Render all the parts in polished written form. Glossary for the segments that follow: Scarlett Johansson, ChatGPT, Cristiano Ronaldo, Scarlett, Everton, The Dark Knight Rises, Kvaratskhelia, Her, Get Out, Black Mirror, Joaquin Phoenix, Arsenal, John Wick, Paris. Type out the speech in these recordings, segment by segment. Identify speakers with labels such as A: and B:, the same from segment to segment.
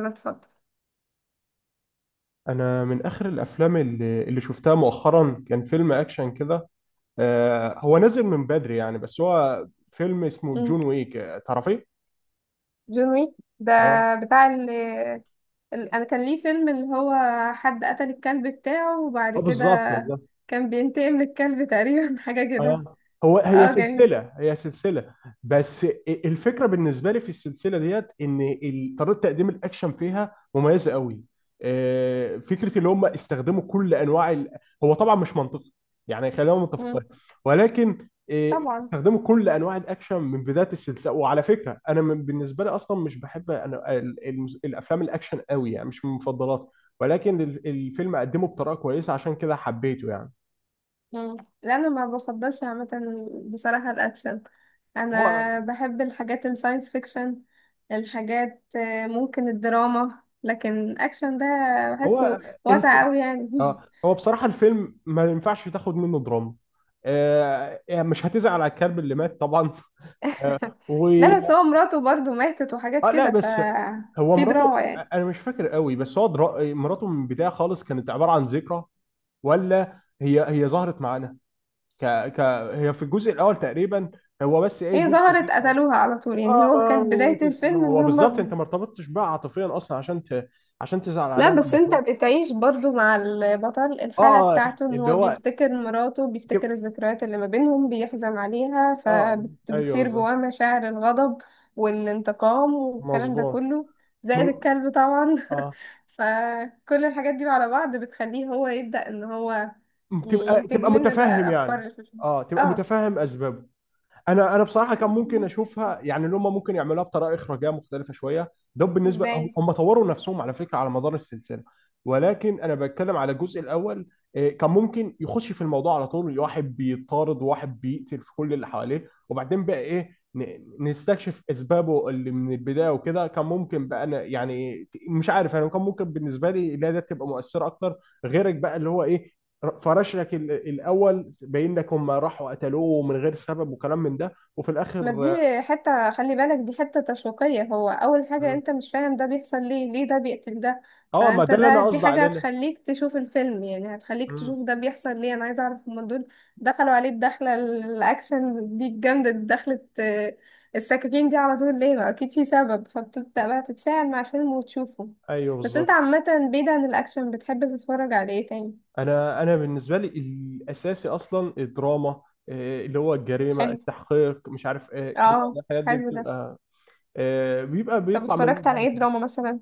A: انا اتفضل.
B: انا من اخر الافلام اللي شفتها مؤخرا كان فيلم اكشن كده. هو نازل من بدري يعني، بس هو فيلم اسمه
A: مم.
B: جون ويك. تعرفيه؟
A: جون ويك ده
B: اه،
A: بتاع انا كان ليه فيلم اللي هو حد قتل الكلب بتاعه وبعد
B: اه،
A: كده
B: بالظبط بالظبط.
A: كان بينتقم للكلب تقريبا حاجة كده.
B: اه، هو هي
A: اه جميل.
B: سلسله هي سلسله بس الفكره بالنسبه لي في السلسله ديت ان طريقه تقديم الاكشن فيها مميزه قوي. فكره اللي هم استخدموا كل انواع هو طبعا مش منطقي، يعني خلينا متفقين.
A: مم.
B: ولكن
A: طبعا.
B: استخدموا كل انواع الاكشن من بدايه السلسله. وعلى فكره انا بالنسبه لي اصلا مش بحب انا الافلام الاكشن قوي، يعني مش من مفضلاتي. ولكن الفيلم قدمه بطريقه كويسه عشان كده حبيته يعني.
A: مم. لا انا ما بفضلش عامة، بصراحة الاكشن.
B: هو
A: انا بحب الحاجات الساينس فيكشن، الحاجات ممكن الدراما، لكن اكشن ده بحسه
B: هو الف...
A: واسع قوي يعني
B: اه، هو بصراحة الفيلم ما ينفعش تاخد منه دراما. آه يعني مش هتزعل على الكلب اللي مات طبعا آه و
A: لا بس هو مراته برضو ماتت وحاجات
B: آه لا،
A: كده، ف
B: بس هو
A: في دراما
B: مراته
A: يعني.
B: انا مش فاكر قوي، بس مراته من البداية خالص كانت عبارة عن ذكرى. ولا هي ظهرت معانا ك... ك... هي في الجزء الاول تقريبا. هو بس ايه
A: هي
B: جزء
A: ظهرت
B: الذكرى.
A: قتلوها على طول يعني،
B: اه،
A: هو
B: ما...
A: كانت
B: ما
A: بداية
B: ما
A: الفيلم ان
B: هو بالظبط،
A: هما.
B: انت ما ارتبطتش بقى عاطفيا اصلا عشان عشان تزعل عليها
A: لا بس
B: لما
A: انت
B: تموت.
A: بتعيش برضو مع البطل،
B: اه،
A: الحالة بتاعته ان
B: اللي
A: هو
B: هو،
A: بيفتكر مراته، بيفتكر الذكريات اللي ما بينهم، بيحزن عليها،
B: اه، ايوه
A: فبتصير
B: بالظبط،
A: جواه مشاعر الغضب والانتقام والكلام ده
B: مظبوط.
A: كله،
B: مو...
A: زائد الكلب طبعا
B: اه،
A: فكل الحاجات دي على بعض بتخليه هو يبدأ ان هو
B: تبقى
A: ينتج
B: تبقى
A: لنا بقى
B: متفهم
A: الافكار
B: يعني.
A: اللي في الفيلم.
B: اه، تبقى
A: اه
B: متفهم اسبابه. انا بصراحه كان ممكن اشوفها، يعني اللي هم ممكن يعملوها بطريقه اخراجيه مختلفه شويه. ده بالنسبه، هم
A: ازاي؟
B: هم طوروا نفسهم على فكره على مدار السلسله. ولكن انا بتكلم على الجزء الاول. كان ممكن يخش في الموضوع على طول، واحد بيطارد وواحد بيقتل في كل اللي حواليه، وبعدين بقى ايه نستكشف اسبابه اللي من البدايه وكده. كان ممكن بقى، انا يعني مش عارف، انا كان ممكن بالنسبه لي، لا ده تبقى مؤثره اكتر. غيرك بقى اللي هو ايه، فرشلك الاول باين لك هم راحوا قتلوه من غير سبب وكلام من ده، وفي
A: ما دي
B: الاخر.
A: حتة، خلي بالك دي حتة تشويقية. هو أول حاجة
B: مم.
A: أنت مش فاهم ده بيحصل ليه، ليه ده بيقتل ده،
B: اه، ما
A: فأنت
B: ده اللي انا
A: دي
B: قصدي
A: حاجة
B: عليه، لا.
A: هتخليك تشوف الفيلم يعني، هتخليك
B: مم.
A: تشوف ده بيحصل ليه، أنا عايزة أعرف هما دول دخلوا عليه الدخلة الأكشن دي الجامدة دي، دخلت السكاكين دي على طول ليه؟ ما أكيد في سبب، فبتبدأ بقى تتفاعل مع الفيلم وتشوفه.
B: ايوه
A: بس أنت
B: بالظبط.
A: عامة بعيد عن الأكشن بتحب تتفرج على إيه تاني؟
B: انا بالنسبه لي الاساسي اصلا الدراما، اللي هو الجريمه،
A: حلو،
B: التحقيق، مش عارف ايه كده.
A: اه،
B: الحاجات دي
A: حلو ده.
B: بتبقى بيبقى
A: طب
B: بيطلع من
A: اتفرجت على
B: الدراما
A: إيه
B: كويس.
A: دراما مثلا؟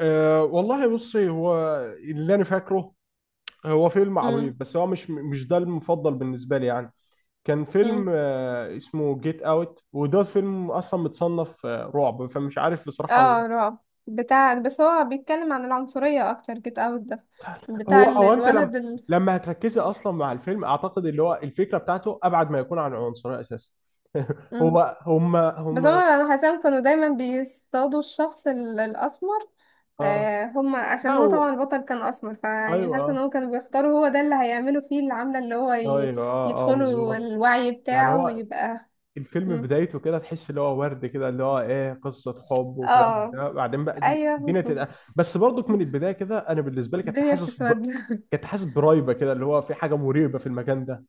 B: أه والله بصي، هو اللي انا فاكره هو فيلم عبيط،
A: مم.
B: بس هو مش ده المفضل بالنسبه لي يعني. كان فيلم
A: مم.
B: اسمه جيت اوت. وده فيلم اصلا متصنف رعب، فمش عارف بصراحه. هو،
A: اه رعب بتاع، بس هو بيتكلم عن العنصرية اكتر جيت اوت ده،
B: هو
A: بتاع
B: او انت لما،
A: الولد
B: لما هتركزي اصلا مع الفيلم اعتقد اللي هو الفكره بتاعته ابعد ما يكون عن العنصريه اساسا
A: مم.
B: هو هم
A: بس هما
B: هم
A: انا حسام كانوا دايما بيصطادوا الشخص الاسمر.
B: اه،
A: آه هما
B: لا،
A: عشان هو
B: هو
A: طبعا البطل كان اسمر، فيعني
B: ايوه،
A: حاسه ان هو كانوا بيختاروا هو ده اللي هيعملوا فيه العملة اللي هو
B: ايوه اه اه
A: يدخلوا
B: مظبوط.
A: الوعي
B: يعني
A: بتاعه
B: هو
A: ويبقى.
B: الفيلم من
A: مم.
B: بدايته كده تحس اللي هو ورد كده، اللي هو ايه، قصه حب وكلام من
A: اه
B: ده، بعدين بقى دي
A: ايوه
B: الدنيا تبقى. بس برضك من البدايه كده انا بالنسبه لي كنت
A: الدنيا
B: حاسس
A: بتسود.
B: كنت حاسس برايبه كده، اللي هو في حاجه مريبه في المكان ده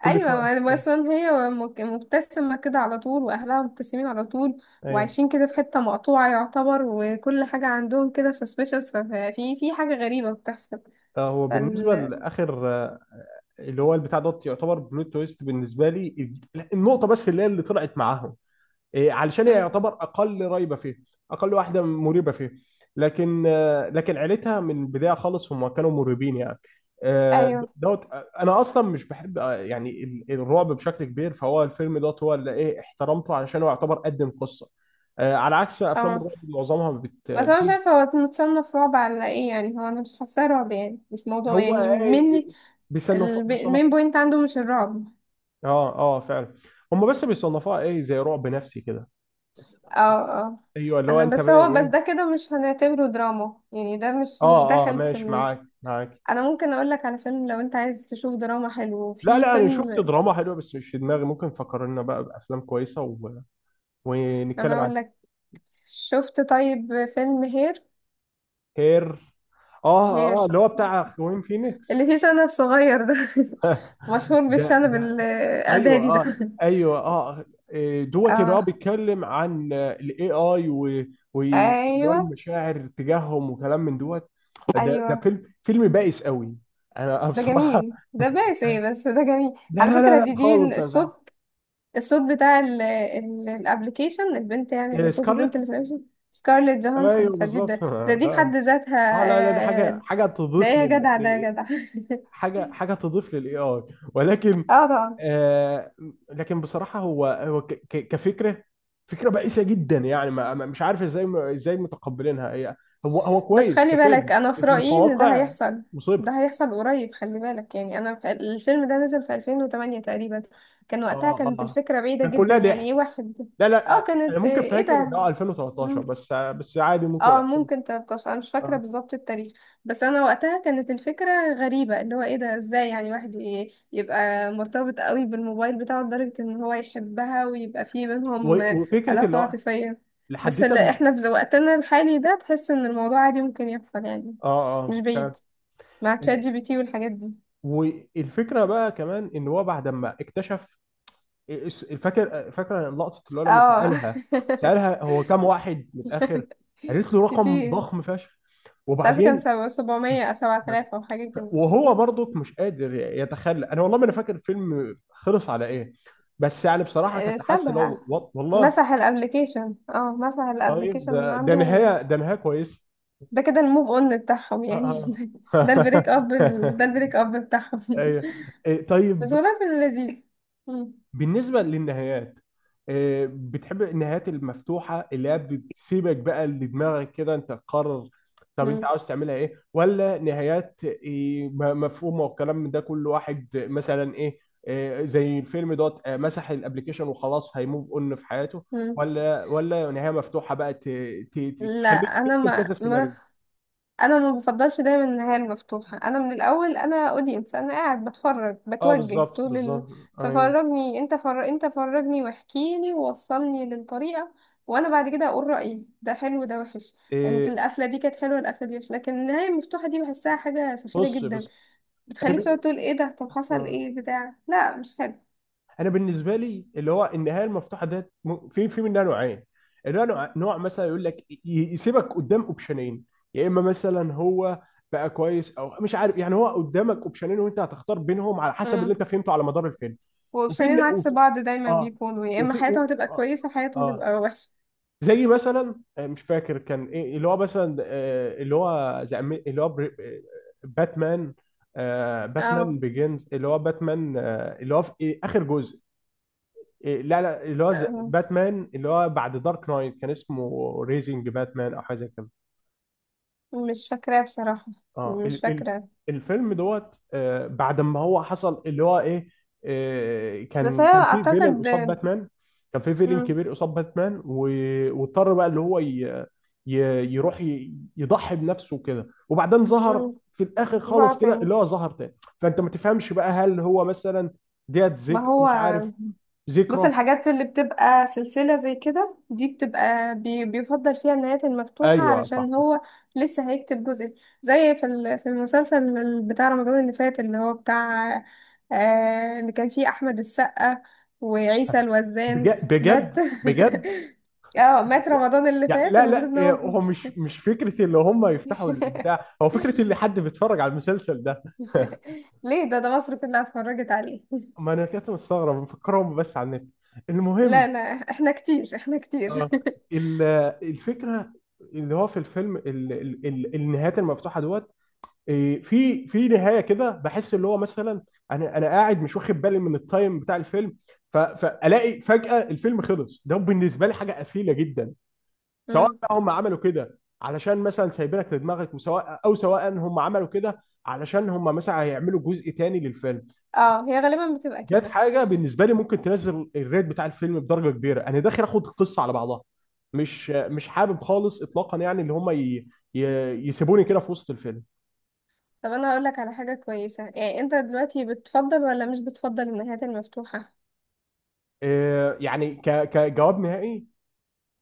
B: كل
A: ايوه،
B: شويه
A: مثلا هي مبتسمه كده على طول، واهلها مبتسمين على طول،
B: ايوه،
A: وعايشين كده في حته مقطوعه يعتبر، وكل حاجه عندهم كده suspicious، ففي في حاجه غريبه بتحصل.
B: هو بالنسبه
A: فال
B: لاخر، اللي هو البتاع دوت يعتبر بلوت تويست بالنسبه لي. النقطه بس اللي هي اللي طلعت معاهم إيه، علشان هي
A: مم.
B: يعتبر اقل ريبه فيه، اقل واحده مريبه فيه. لكن، لكن عيلتها من البدايه خالص هم كانوا مريبين يعني.
A: ايوه،
B: دوت انا اصلا مش بحب، يعني الرعب بشكل كبير. فهو الفيلم دوت هو اللي ايه احترمته، علشان هو يعتبر قدم قصه، على عكس افلام
A: اه.
B: الرعب معظمها
A: بس انا مش
B: بتيجي-.
A: عارفه هو متصنف رعب على ايه يعني، هو انا مش حاساه رعب يعني، مش موضوع
B: هو
A: يعني
B: ايه،
A: مني.
B: بيصنف
A: المين
B: بيصنفوا
A: بوينت عنده مش الرعب.
B: اه اه فعلا. هم بس بيصنفوها ايه زي رعب نفسي كده.
A: اه اه
B: ايوه، اللي هو
A: انا
B: انت
A: بس،
B: بقى
A: هو بس
B: ايه.
A: ده كده مش هنعتبره دراما يعني، ده مش
B: اه، اه،
A: داخل في.
B: ماشي، معاك معاك.
A: انا ممكن اقول لك على فيلم لو انت عايز تشوف دراما حلو،
B: لا
A: في
B: لا، انا
A: فيلم.
B: شفت دراما حلوه بس مش في دماغي، ممكن فكرنا بقى بافلام كويسه و...
A: انا
B: ونتكلم عن.
A: اقول لك، شفت طيب فيلم هير؟
B: هير، اه
A: هير
B: اه، اللي هو بتاع خوين فينيكس
A: اللي فيه شنب صغير ده مشهور
B: ده
A: بالشنب
B: ده، ايوه
A: الاعدادي ده
B: اه، ايوه اه، إيه، دوت اللي هو
A: اه
B: بيتكلم عن الاي اي
A: ايوه
B: والمشاعر تجاههم وكلام من دوت. ده
A: ايوه.
B: فيلم بائس قوي. انا
A: ده
B: بصراحه
A: جميل، ده باسي بس ده جميل.
B: لا
A: على
B: لا
A: فكرة
B: لا
A: دي
B: لا
A: دي
B: خالص، انا بعت.
A: الصوت، الصوت بتاع الابلكيشن البنت يعني، اللي
B: إيه،
A: صوت البنت
B: سكارلت،
A: اللي في الابلكيشن سكارليت جوهانسون،
B: ايوه
A: فدي ده,
B: بالظبط
A: ده دي في
B: ده
A: حد ذاتها
B: اه، لا لا، دي حاجه، حاجه
A: ده ايه
B: تضيف
A: يا جدع، ده يا جدع
B: حاجه حاجه تضيف للاي اي. ولكن
A: اه طبعا.
B: آه، لكن بصراحه هو هو كفكره، فكره بائسه جدا. يعني مش عارف ازاي، ازاي متقبلينها هي. هو هو
A: بس
B: كويس
A: خلي بالك
B: كفيلم
A: انا في
B: لكن
A: رأيي ان ده
B: كواقع
A: هيحصل،
B: مصيبه.
A: ده هيحصل قريب، خلي بالك يعني. انا في الفيلم ده نزل في 2008 تقريبا، كان وقتها
B: اه
A: كانت
B: اه،
A: الفكرة بعيدة
B: كان
A: جدا
B: كلها
A: يعني، ايه
B: ضحك.
A: واحد.
B: لا لا،
A: اه
B: انا
A: كانت
B: ممكن
A: ايه
B: فاكر
A: ده؟
B: ده 2013، بس بس عادي
A: اه
B: ممكن.
A: ممكن 13، انا مش فاكره
B: آه.
A: بالظبط التاريخ. بس انا وقتها كانت الفكره غريبه، اللي هو ايه ده ازاي يعني واحد يبقى مرتبط قوي بالموبايل بتاعه لدرجه ان هو يحبها ويبقى في بينهم
B: وفكره
A: علاقه
B: اللي هو
A: عاطفيه. بس
B: لحد ما
A: احنا في وقتنا الحالي ده تحس ان الموضوع عادي، ممكن يحصل يعني،
B: اه
A: مش
B: اه
A: بعيد، مع تشات جي بي تي والحاجات دي.
B: والفكره بقى كمان ان هو بعد ما اكتشف. فاكر، فاكر لقطه اللي هو لما
A: اه
B: سالها، سالها هو كام واحد من الاخر. قالت له رقم
A: كتير.
B: ضخم فشخ.
A: مش عارفه، كان
B: وبعدين
A: سبعمية او 7000 او حاجه كده.
B: وهو برضك مش قادر يتخلى. انا والله ما انا فاكر الفيلم خلص على ايه، بس يعني بصراحه كنت حاسس اللي هو
A: سابها،
B: والله.
A: مسح الابليكيشن، اه مسح
B: طيب
A: الابليكيشن من
B: ده، ده
A: عنده.
B: نهايه، ده نهايه كويسه
A: ده كده الموف اون بتاعهم يعني ده البريك اب بتاعهم
B: ايوه إيه، طيب.
A: بس والله في اللذيذ. مم.
B: بالنسبة للنهايات، بتحب النهايات المفتوحة اللي هي بتسيبك بقى لدماغك كده انت تقرر؟ طب انت
A: مم.
B: عاوز تعملها ايه، ولا نهايات مفهومة والكلام من ده؟ كل واحد مثلا ايه، زي الفيلم دوت مسح الابليكيشن وخلاص هيموف اون في حياته.
A: مم.
B: ولا ولا نهاية مفتوحة بقى
A: لا
B: تخليك
A: انا
B: ترسم كذا
A: ما ما
B: سيناريو.
A: انا ما بفضلش دايما النهايه المفتوحه. انا من الاول انا اودينس، انا قاعد بتفرج
B: اه
A: بتوجه
B: بالظبط
A: طول
B: بالظبط، ايوه
A: ففرجني انت، انت فرجني واحكيلي ووصلني للطريقه، وانا بعد كده اقول رايي، ده حلو ده وحش. انت
B: إيه.
A: القفله دي كانت حلوه، القفله دي وحش، لكن النهايه المفتوحه دي بحسها حاجه سخيفه
B: بص
A: جدا،
B: بص، انا
A: بتخليك تقعد تقول ايه ده، طب حصل
B: آه.
A: ايه بتاع، لا مش حلو.
B: انا بالنسبه لي اللي هو النهايه المفتوحه ديت في في منها نوعين. اللي هو نوع، نوع مثلا يقول لك يسيبك قدام اوبشنين. يا اما مثلا هو بقى كويس، او مش عارف، يعني هو قدامك اوبشنين وانت هتختار بينهم على حسب اللي
A: امم،
B: انت فهمته على مدار الفيلم. وفي
A: وبشرين عكس
B: وفي-
A: بعض دايما
B: اه،
A: بيكونوا، يا اما
B: وفي
A: حياتهم هتبقى
B: اه.
A: كويسه، حياتهم
B: اه،
A: هتبقى وحشه.
B: زي مثلا مش فاكر كان ايه، اللي هو مثلا اللي هو زي اللي هو باتمان،
A: اه.
B: باتمان بيجنز، اللي هو باتمان، اللي هو في إيه، اخر جزء. إيه، لا لا، اللي هو
A: أم،
B: باتمان اللي هو بعد دارك نايت، كان اسمه ريزنج باتمان او حاجه زي كده.
A: مش فاكراه بصراحه،
B: اه،
A: مش
B: ال
A: فاكرة.
B: الفيلم دوت، بعد ما هو حصل اللي هو ايه،
A: بس هي
B: كان في فيلن
A: اعتقد.
B: قصاد باتمان. كان في فيلن
A: مم.
B: كبير قصاد باتمان، واضطر بقى اللي هو ي يروح يضحي بنفسه كده، وبعدين ظهر
A: مم.
B: في الاخر خالص
A: مزعة
B: كده
A: تاني.
B: اللي هو ظهر تاني. فانت ما تفهمش بقى هل هو مثلا ديت
A: ما
B: ذك
A: هو،
B: مش عارف،
A: بص
B: ذكرى.
A: الحاجات اللي بتبقى سلسلة زي كده دي بتبقى بيفضل فيها النهايات المفتوحة
B: ايوه صح
A: علشان
B: صح.
A: هو لسه هيكتب جزء، زي في في المسلسل بتاع رمضان اللي فات اللي هو بتاع اللي كان فيه أحمد السقا وعيسى الوزان،
B: بجد
A: مات
B: بجد بجد،
A: اه مات
B: يعني،
A: رمضان اللي
B: يعني
A: فات
B: لا
A: المفروض
B: لا
A: ان
B: إيه،
A: هو
B: هو مش فكره اللي هم يفتحوا البتاع. هو فكره اللي حد بيتفرج على المسلسل ده
A: ليه؟ ده ده مصر كلها اتفرجت عليه.
B: ما انا كنت مستغرب مفكرهم بس على النت.
A: لا
B: المهم،
A: لا، احنا كتير
B: اه، ال- الفكره، اللي هو في الفيلم النهايات المفتوحه دوت إيه، في في نهايه كده بحس اللي هو مثلا انا قاعد مش واخد بالي من التايم بتاع الفيلم. فالاقي فجاه الفيلم خلص. ده بالنسبه لي حاجه قفيله جدا. سواء
A: مم.
B: بقى هم عملوا كده علشان مثلا سايبينك لدماغك وسواء، او سواء هم عملوا كده علشان هم مثلا هيعملوا جزء تاني للفيلم.
A: اه هي غالبا بتبقى
B: ديت
A: كده.
B: حاجه بالنسبه لي ممكن تنزل الريت بتاع الفيلم بدرجه كبيره، انا داخل اخد القصه على بعضها، مش مش حابب خالص اطلاقا، يعني ان هم ي... ي... يسيبوني كده في وسط الفيلم.
A: طب انا هقول لك على حاجة كويسة يعني، انت دلوقتي بتفضل ولا مش بتفضل النهايات المفتوحة؟
B: يعني كجواب نهائي،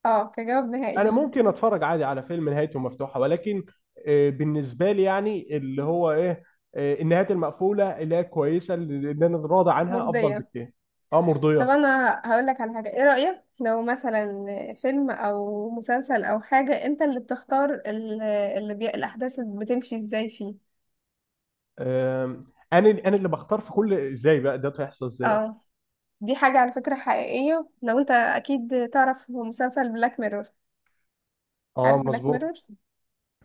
A: اه كجواب
B: انا
A: نهائي.
B: ممكن اتفرج عادي على فيلم نهايته مفتوحه، ولكن بالنسبه لي يعني اللي هو ايه، النهايات المقفوله اللي هي كويسه، اللي انا راضي عنها افضل
A: مرضية.
B: بكتير. اه،
A: طب
B: مرضيه.
A: انا هقول لك على حاجة، ايه رأيك لو مثلا فيلم او مسلسل او حاجة انت اللي بتختار اللي الاحداث اللي بتمشي ازاي فيه؟
B: آم، انا اللي بختار في كل ازاي بقى ده هيحصل، ازاي اصلا.
A: اه دي حاجة على فكرة حقيقية. لو انت اكيد تعرف مسلسل بلاك ميرور؟
B: اه،
A: عارف بلاك
B: مظبوط.
A: ميرور؟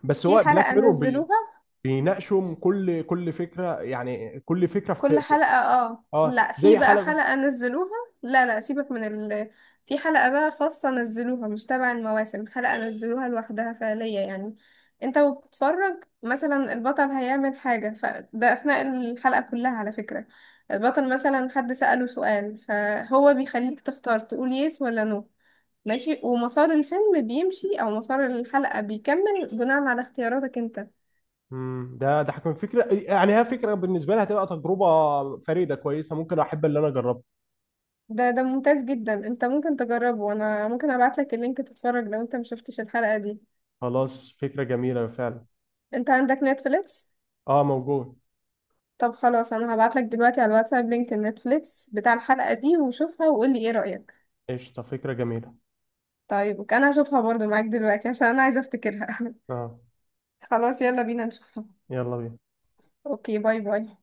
B: بس
A: في
B: هو بلاك
A: حلقة
B: ميرور بي
A: نزلوها،
B: بيناقشوا كل فكره، يعني كل فكره
A: كل
B: في
A: حلقة، اه
B: اه
A: لا في
B: زي
A: بقى
B: حلقه.
A: حلقة نزلوها. لا لا سيبك من ال في حلقة بقى خاصة نزلوها، مش تبع المواسم، حلقة نزلوها لوحدها فعلية يعني. انت وبتتفرج مثلا البطل هيعمل حاجة، فده أثناء الحلقة كلها على فكرة، البطل مثلا حد سأله سؤال فهو بيخليك تختار تقول يس ولا نو ماشي، ومسار الفيلم بيمشي أو مسار الحلقة بيكمل بناء على اختياراتك انت.
B: امم، ده ده هتكون فكره، يعني هي فكره بالنسبه لي هتبقى تجربه فريده كويسه، ممكن احب اللي انا اجربها.
A: ده ممتاز جدا، انت ممكن تجربه وانا ممكن ابعتلك اللينك تتفرج لو انت مشفتش الحلقة دي.
B: خلاص، فكرة جميلة فعلا.
A: انت عندك نتفليكس؟
B: اه، موجود.
A: طب خلاص انا هبعتلك دلوقتي على الواتساب لينك النتفليكس بتاع الحلقة دي وشوفها وقولي ايه رأيك.
B: قشطة، فكرة جميلة.
A: طيب اوكي، انا هشوفها برضو معاك دلوقتي عشان انا عايزة افتكرها
B: اه،
A: خلاص يلا بينا نشوفها.
B: يلا بينا.
A: اوكي، باي باي.